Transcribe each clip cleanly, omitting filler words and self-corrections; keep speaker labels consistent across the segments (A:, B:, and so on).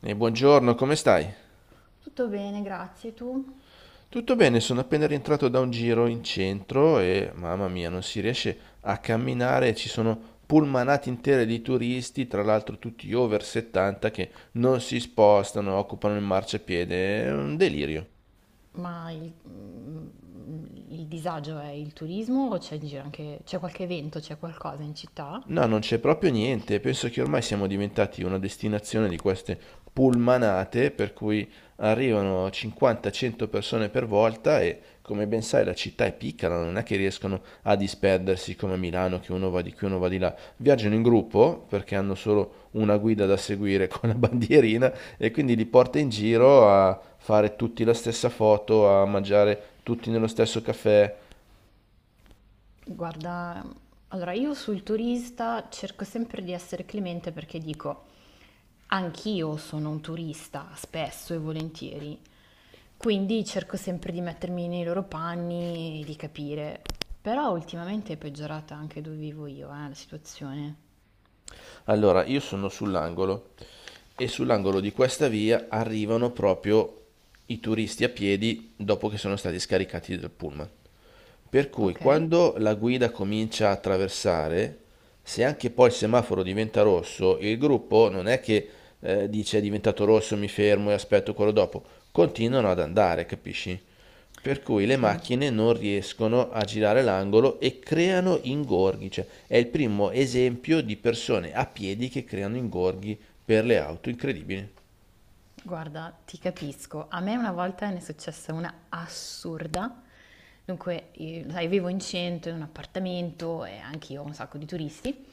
A: E buongiorno, come stai?
B: Tutto bene, grazie. Tu?
A: Tutto bene, sono appena rientrato da un giro in centro e mamma mia, non si riesce a camminare, ci sono pullmanate intere di turisti, tra l'altro tutti over 70 che non si spostano, occupano il marciapiede, è un delirio.
B: Ma il disagio è il turismo o c'è in giro anche, c'è qualche evento, c'è qualcosa in città?
A: No, non c'è proprio niente. Penso che ormai siamo diventati una destinazione di queste pullmanate, per cui arrivano 50-100 persone per volta e, come ben sai, la città è piccola, non è che riescono a disperdersi come a Milano, che uno va di qui, uno va di là. Viaggiano in gruppo perché hanno solo una guida da seguire con la bandierina e quindi li porta in giro a fare tutti la stessa foto, a mangiare tutti nello stesso caffè.
B: Guarda, allora io sul turista cerco sempre di essere clemente perché dico, anch'io sono un turista spesso e volentieri, quindi cerco sempre di mettermi nei loro panni e di capire. Però ultimamente è peggiorata anche dove vivo io, la situazione.
A: Allora, io sono sull'angolo e sull'angolo di questa via arrivano proprio i turisti a piedi dopo che sono stati scaricati dal pullman. Per cui
B: Ok?
A: quando la guida comincia a attraversare, se anche poi il semaforo diventa rosso, il gruppo non è che dice è diventato rosso, mi fermo e aspetto quello dopo, continuano ad andare, capisci? Per cui le
B: Sì.
A: macchine non riescono a girare l'angolo e creano ingorghi, cioè è il primo esempio di persone a piedi che creano ingorghi per le auto, incredibile.
B: Guarda, ti capisco. A me una volta ne è successa una assurda. Dunque, io, sai, vivo in centro, in un appartamento e anche io ho un sacco di turisti.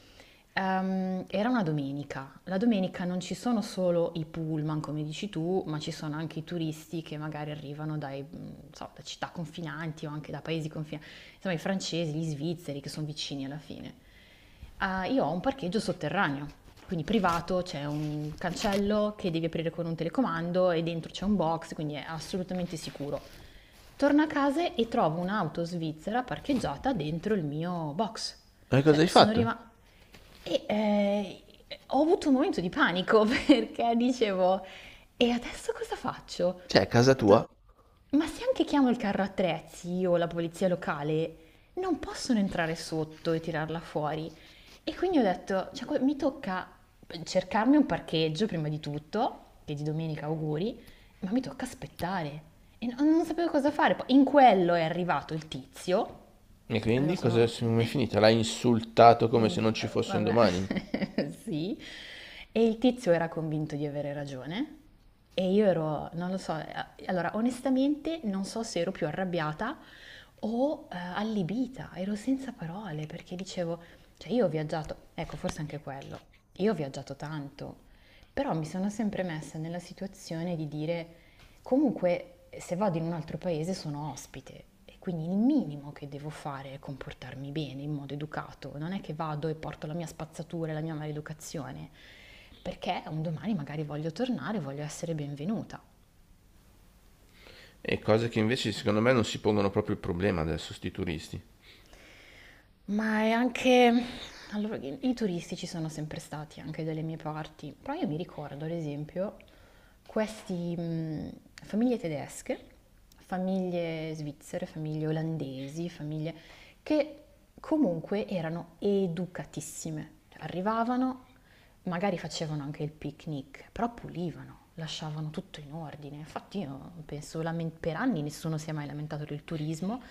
B: Era una domenica. La domenica non ci sono solo i pullman, come dici tu, ma ci sono anche i turisti che magari arrivano dai, non so, da città confinanti o anche da paesi confinanti. Insomma, i francesi, gli svizzeri che sono vicini alla fine. Ah, io ho un parcheggio sotterraneo, quindi privato, c'è un cancello che devi aprire con un telecomando e dentro c'è un box, quindi è assolutamente sicuro. Torno a casa e trovo un'auto svizzera parcheggiata dentro il mio box.
A: Ma che cosa
B: Cioè,
A: hai
B: sono
A: fatto?
B: rimasta. E ho avuto un momento di panico perché dicevo, e adesso cosa faccio? Ho
A: Cioè, è casa
B: detto,
A: tua?
B: ma se anche chiamo il carro attrezzi o la polizia locale, non possono entrare sotto e tirarla fuori. E quindi ho detto, cioè, mi tocca cercarmi un parcheggio prima di tutto, che di domenica auguri, ma mi tocca aspettare. E non sapevo cosa fare. Poi in quello è arrivato il tizio,
A: E
B: e me lo
A: quindi cosa
B: sono,
A: come è finita? L'ha insultato
B: Mhmm,
A: come se non ci fosse un
B: vabbè,
A: domani?
B: sì. E il tizio era convinto di avere ragione e io ero, non lo so, a allora onestamente non so se ero più arrabbiata o, allibita, ero senza parole perché dicevo, cioè, io ho viaggiato, ecco, forse anche quello, io ho viaggiato tanto, però mi sono sempre messa nella situazione di dire, comunque, se vado in un altro paese sono ospite e quindi il minimo che devo fare è comportarmi bene, in modo educato. Non è che vado e porto la mia spazzatura e la mia maleducazione, perché un domani magari voglio tornare, voglio essere benvenuta.
A: E cose che invece secondo me non si pongono proprio il problema adesso, sti turisti.
B: Ma è anche. Allora, i turisti ci sono sempre stati anche dalle mie parti, però io mi ricordo, ad esempio, questi famiglie tedesche, famiglie svizzere, famiglie olandesi, famiglie che comunque erano educatissime. Cioè, arrivavano, magari facevano anche il picnic, però pulivano, lasciavano tutto in ordine. Infatti io penso, per anni nessuno si è mai lamentato del turismo,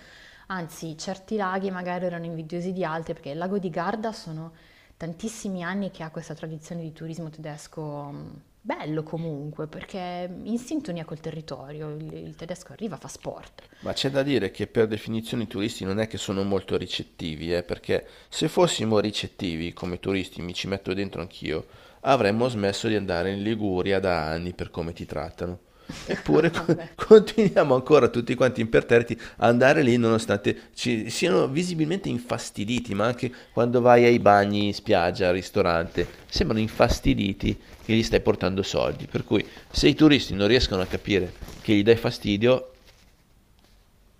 B: anzi certi laghi magari erano invidiosi di altri, perché il lago di Garda sono tantissimi anni che ha questa tradizione di turismo tedesco bello comunque, perché in sintonia col territorio, il tedesco arriva, fa sport.
A: Ma c'è da dire che per definizione i turisti non è che sono molto ricettivi, perché se fossimo ricettivi come turisti, mi ci metto dentro anch'io, avremmo smesso di andare in Liguria da anni per come ti trattano. Eppure
B: Vabbè.
A: continuiamo ancora tutti quanti imperterriti a andare lì nonostante ci siano visibilmente infastiditi, ma anche quando vai ai bagni, in spiaggia, al ristorante, sembrano infastiditi che gli stai portando soldi. Per cui se i turisti non riescono a capire che gli dai fastidio,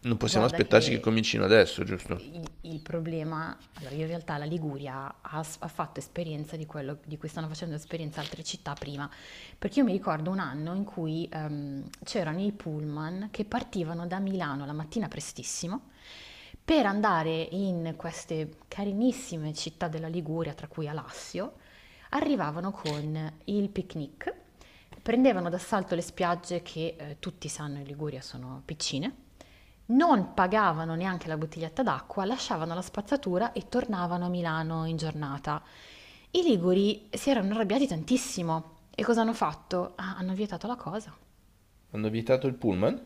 A: non possiamo
B: Guarda
A: aspettarci che
B: che
A: comincino adesso, giusto?
B: il problema, allora in realtà la Liguria ha, ha fatto esperienza di quello di cui stanno facendo esperienza altre città prima, perché io mi ricordo un anno in cui c'erano i pullman che partivano da Milano la mattina prestissimo per andare in queste carinissime città della Liguria, tra cui Alassio, arrivavano con il picnic, prendevano d'assalto le spiagge che, tutti sanno, in Liguria sono piccine, non pagavano neanche la bottiglietta d'acqua, lasciavano la spazzatura e tornavano a Milano in giornata. I liguri si erano arrabbiati tantissimo e cosa hanno fatto? Ah, hanno vietato la cosa.
A: Hanno vietato il pullman?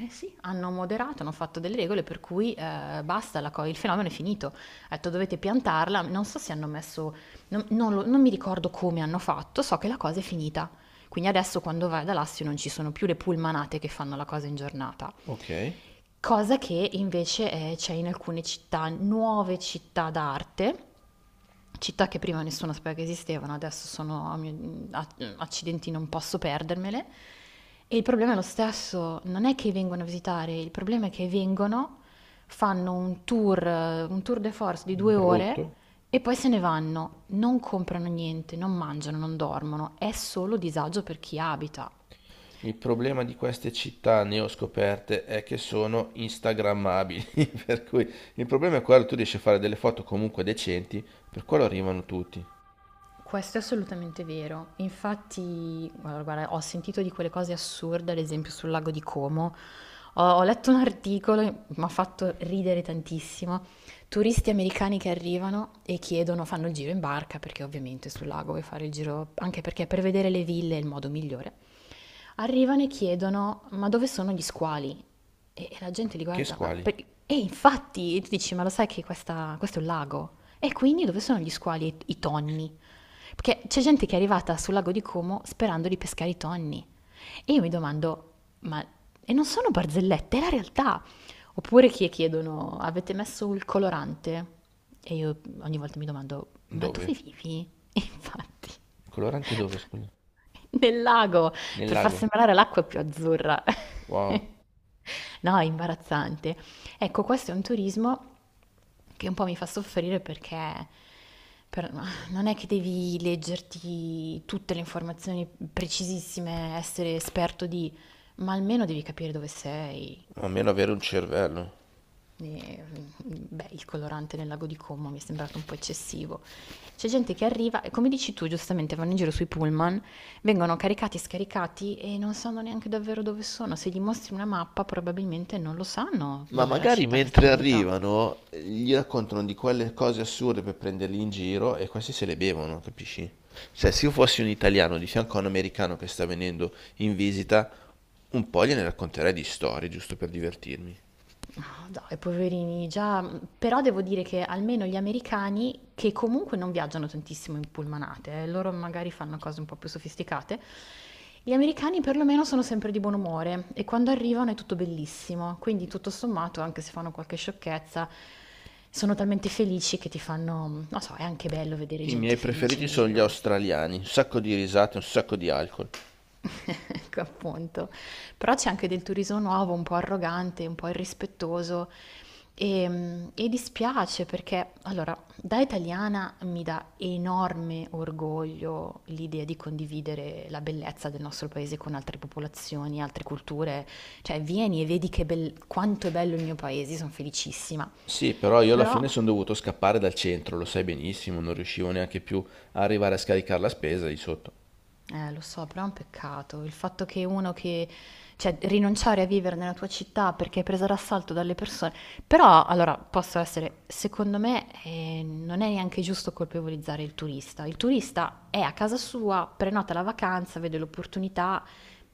B: Eh sì, hanno moderato, hanno fatto delle regole per cui, basta, il fenomeno è finito. Ha detto dovete piantarla, non so se hanno messo, non mi ricordo come hanno fatto, so che la cosa è finita. Quindi adesso quando vai da Lassio non ci sono più le pullmanate che fanno la cosa in giornata,
A: Ok,
B: cosa che invece c'è in alcune città, nuove città d'arte, città che prima nessuno sapeva che esistevano, adesso sono accidenti, non posso perdermele. E il problema è lo stesso, non è che vengono a visitare, il problema è che vengono, fanno un tour de force di 2 ore
A: brutto.
B: e poi se ne vanno, non comprano niente, non mangiano, non dormono, è solo disagio per chi abita.
A: Il problema di queste città neoscoperte è che sono instagrammabili, per cui il problema è quello, tu riesci a fare delle foto comunque decenti, per quello arrivano tutti.
B: Questo è assolutamente vero. Infatti, guarda, guarda, ho sentito di quelle cose assurde, ad esempio sul lago di Como. Ho letto un articolo, mi ha fatto ridere tantissimo. Turisti americani che arrivano e chiedono, fanno il giro in barca, perché ovviamente sul lago vuoi fare il giro, anche perché per vedere le ville è il modo migliore. Arrivano e chiedono, ma dove sono gli squali? E la gente li
A: Che
B: guarda.
A: squali?
B: E infatti, e tu dici, ma lo sai che questo è un lago? E quindi dove sono gli squali e i tonni? Perché c'è gente che è arrivata sul lago di Como sperando di pescare i tonni. E io mi domando, ma e non sono barzellette, è la realtà. Oppure chi chiedono, avete messo il colorante? E io ogni volta mi domando, ma dove
A: Dove?
B: vivi? E infatti,
A: Colorante dove, scusa?
B: nel lago,
A: Nel
B: per far
A: lago.
B: sembrare l'acqua più azzurra.
A: Wow,
B: No, è imbarazzante. Ecco, questo è un turismo che un po' mi fa soffrire perché, per- non è che devi leggerti tutte le informazioni precisissime, essere esperto di, ma almeno devi capire dove sei.
A: a meno avere un cervello.
B: E, beh, il colorante nel lago di Como mi è sembrato un po' eccessivo. C'è gente che arriva e, come dici tu, giustamente, vanno in giro sui pullman, vengono caricati e scaricati e non sanno neanche davvero dove sono. Se gli mostri una mappa, probabilmente non lo sanno
A: Ma
B: dov'è la
A: magari
B: città che
A: mentre
B: stanno visitando.
A: arrivano gli raccontano di quelle cose assurde per prenderli in giro e questi se le bevono, capisci? Cioè, se io fossi un italiano di fianco a un americano che sta venendo in visita, un po' gliene racconterei di storie, giusto per divertirmi.
B: No, dai, poverini, già, però devo dire che almeno gli americani, che comunque non viaggiano tantissimo in pullmanate, loro magari fanno cose un po' più sofisticate, gli americani perlomeno sono sempre di buon umore e quando arrivano è tutto bellissimo, quindi tutto sommato, anche se fanno qualche sciocchezza, sono talmente felici che ti fanno, non so, è anche bello vedere
A: I miei
B: gente felice in
A: preferiti sono gli
B: giro.
A: australiani, un sacco di risate, un sacco di alcol.
B: Ecco, appunto. Però c'è anche del turismo nuovo, un po' arrogante, un po' irrispettoso e dispiace perché, allora, da italiana mi dà enorme orgoglio l'idea di condividere la bellezza del nostro paese con altre popolazioni, altre culture. Cioè, vieni e vedi che quanto è bello il mio paese, sono felicissima.
A: Sì, però io alla
B: Però.
A: fine sono dovuto scappare dal centro, lo sai benissimo, non riuscivo neanche più a arrivare a scaricare la spesa lì sotto.
B: Lo so, però è un peccato il fatto che uno che, cioè, rinunciare a vivere nella tua città perché è presa d'assalto dalle persone. Però, allora, posso essere, secondo me, non è neanche giusto colpevolizzare il turista. Il turista è a casa sua, prenota la vacanza, vede l'opportunità,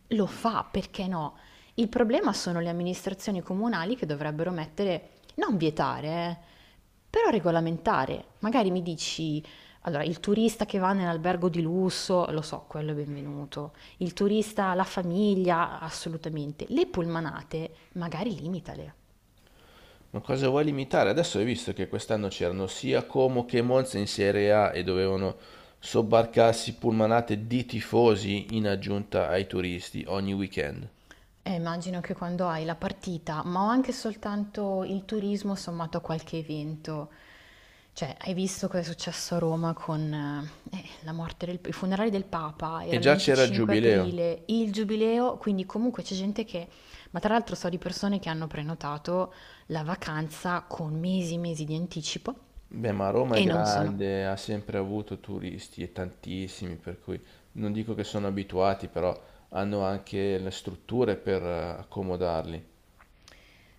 B: lo fa, perché no? Il problema sono le amministrazioni comunali che dovrebbero mettere, non vietare, però regolamentare. Magari mi dici, allora, il turista che va nell'albergo di lusso, lo so, quello è benvenuto. Il turista, la famiglia, assolutamente. Le pullmanate, magari limitale.
A: Ma cosa vuoi limitare? Adesso hai visto che quest'anno c'erano sia Como che Monza in Serie A e dovevano sobbarcarsi pullmanate di tifosi in aggiunta ai turisti ogni weekend.
B: Immagino che quando hai la partita, ma ho anche soltanto il turismo sommato a qualche evento, cioè hai visto cosa è successo a Roma con la morte i funerali del Papa,
A: E
B: era il
A: già c'era il
B: 25
A: giubileo.
B: aprile, il giubileo, quindi comunque c'è gente che, ma tra l'altro so di persone che hanno prenotato la vacanza con mesi e mesi di anticipo
A: Beh, ma Roma è
B: e non sono.
A: grande, ha sempre avuto turisti e tantissimi, per cui non dico che sono abituati, però hanno anche le strutture per accomodarli.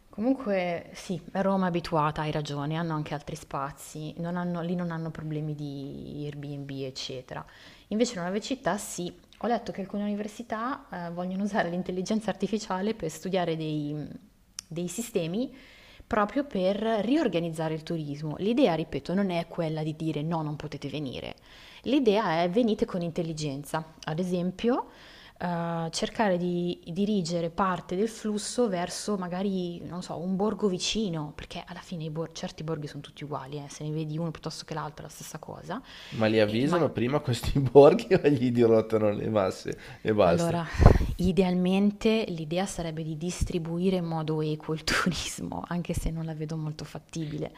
B: Comunque sì, Roma è abituata, hai ragione, hanno anche altri spazi, non hanno- lì non hanno problemi di Airbnb, eccetera. Invece in nuove città sì, ho letto che alcune università vogliono usare l'intelligenza artificiale per studiare dei, sistemi proprio per riorganizzare il turismo. L'idea, ripeto, non è quella di dire no, non potete venire. L'idea è, venite con intelligenza. Ad esempio, cercare di dirigere parte del flusso verso magari, non so, un borgo vicino, perché alla fine certi borghi sono tutti uguali, se ne vedi uno piuttosto che l'altro è la stessa cosa.
A: Ma li
B: E
A: avvisano prima questi borghi o gli dirottano le masse e basta?
B: allora, idealmente l'idea sarebbe di distribuire in modo equo il turismo, anche se non la vedo molto fattibile.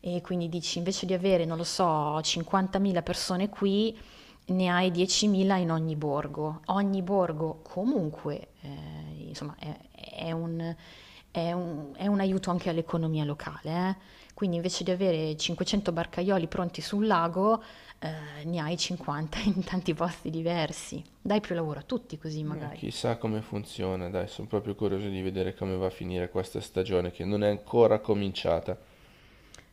B: E quindi dici, invece di avere, non lo so, 50.000 persone qui, ne hai 10.000 in ogni borgo. Ogni borgo comunque, insomma, è un, è un aiuto anche all'economia locale. eh. Quindi invece di avere 500 barcaioli pronti sul lago, ne hai 50 in tanti posti diversi. Dai più lavoro a tutti così magari.
A: Chissà come funziona, dai, sono proprio curioso di vedere come va a finire questa stagione che non è ancora cominciata.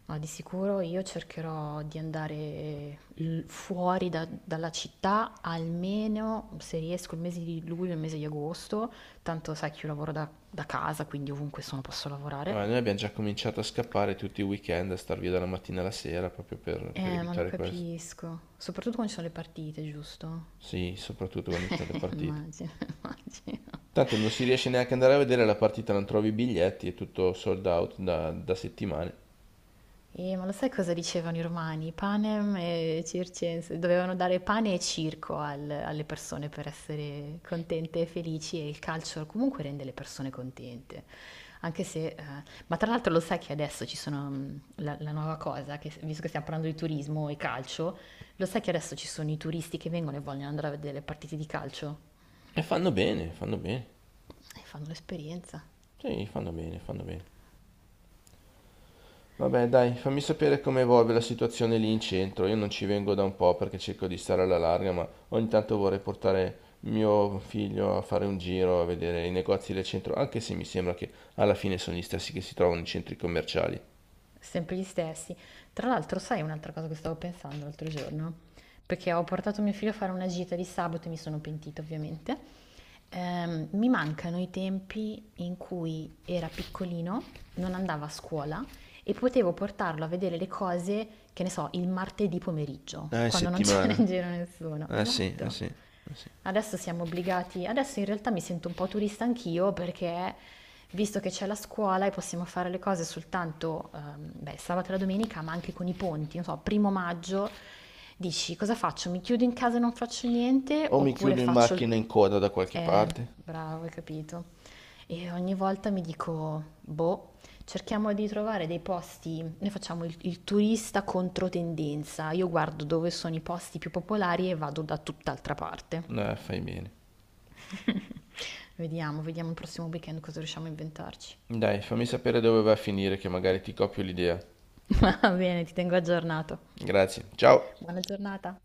B: Ma di sicuro io cercherò di andare fuori dalla città almeno se riesco il mese di luglio e il mese di agosto, tanto sai che io lavoro da casa, quindi ovunque sono posso
A: Ma
B: lavorare.
A: noi abbiamo già cominciato a scappare tutti i weekend, a star via dalla mattina alla sera proprio per
B: Ma lo
A: evitare questo.
B: capisco, soprattutto quando ci sono le partite, giusto?
A: Sì, soprattutto quando ci sono le partite.
B: Immagino, immagino.
A: Tanto non si riesce neanche ad andare a vedere la partita, non trovi i biglietti, è tutto sold out da, da settimane.
B: Ma lo sai cosa dicevano i romani? Panem e circenses. Dovevano dare pane e circo alle persone per essere contente e felici e il calcio comunque rende le persone contente. Anche se. Ma tra l'altro lo sai che adesso ci sono la nuova cosa, che, visto che stiamo parlando di turismo e calcio, lo sai che adesso ci sono i turisti che vengono e vogliono andare a vedere le partite di calcio?
A: E fanno bene, fanno bene.
B: E fanno l'esperienza.
A: Sì, fanno bene, fanno bene. Vabbè, dai, fammi sapere come evolve la situazione lì in centro. Io non ci vengo da un po' perché cerco di stare alla larga, ma ogni tanto vorrei portare mio figlio a fare un giro, a vedere i negozi del centro, anche se mi sembra che alla fine sono gli stessi che si trovano in centri commerciali.
B: Sempre gli stessi. Tra l'altro, sai un'altra cosa che stavo pensando l'altro giorno? Perché ho portato mio figlio a fare una gita di sabato e mi sono pentita, ovviamente. Mi mancano i tempi in cui era piccolino, non andava a scuola e potevo portarlo a vedere le cose, che ne so, il martedì
A: Ah, in?
B: pomeriggio,
A: Ma dici,
B: quando non c'era in
A: settimana?
B: giro nessuno.
A: Eh sì, eh
B: Esatto.
A: sì, eh sì.
B: Adesso siamo obbligati, adesso in realtà mi sento un po' turista anch'io perché, visto che c'è la scuola e possiamo fare le cose soltanto, beh, sabato e la domenica, ma anche con i ponti, non so, primo maggio, dici, cosa faccio? Mi chiudo in casa e non faccio niente
A: O mi
B: oppure
A: chiudo in
B: faccio il.
A: macchina in coda da qualche
B: Eh,
A: parte.
B: bravo, hai capito. E ogni volta mi dico, boh, cerchiamo di trovare dei posti, noi facciamo il turista contro tendenza, io guardo dove sono i posti più popolari e vado da tutt'altra parte.
A: No, fai bene.
B: Vediamo, vediamo il prossimo weekend cosa riusciamo a inventarci.
A: Dai, fammi sapere dove vai a finire, che magari ti copio l'idea.
B: Va bene, ti tengo aggiornato.
A: Grazie, ciao!
B: Buona giornata.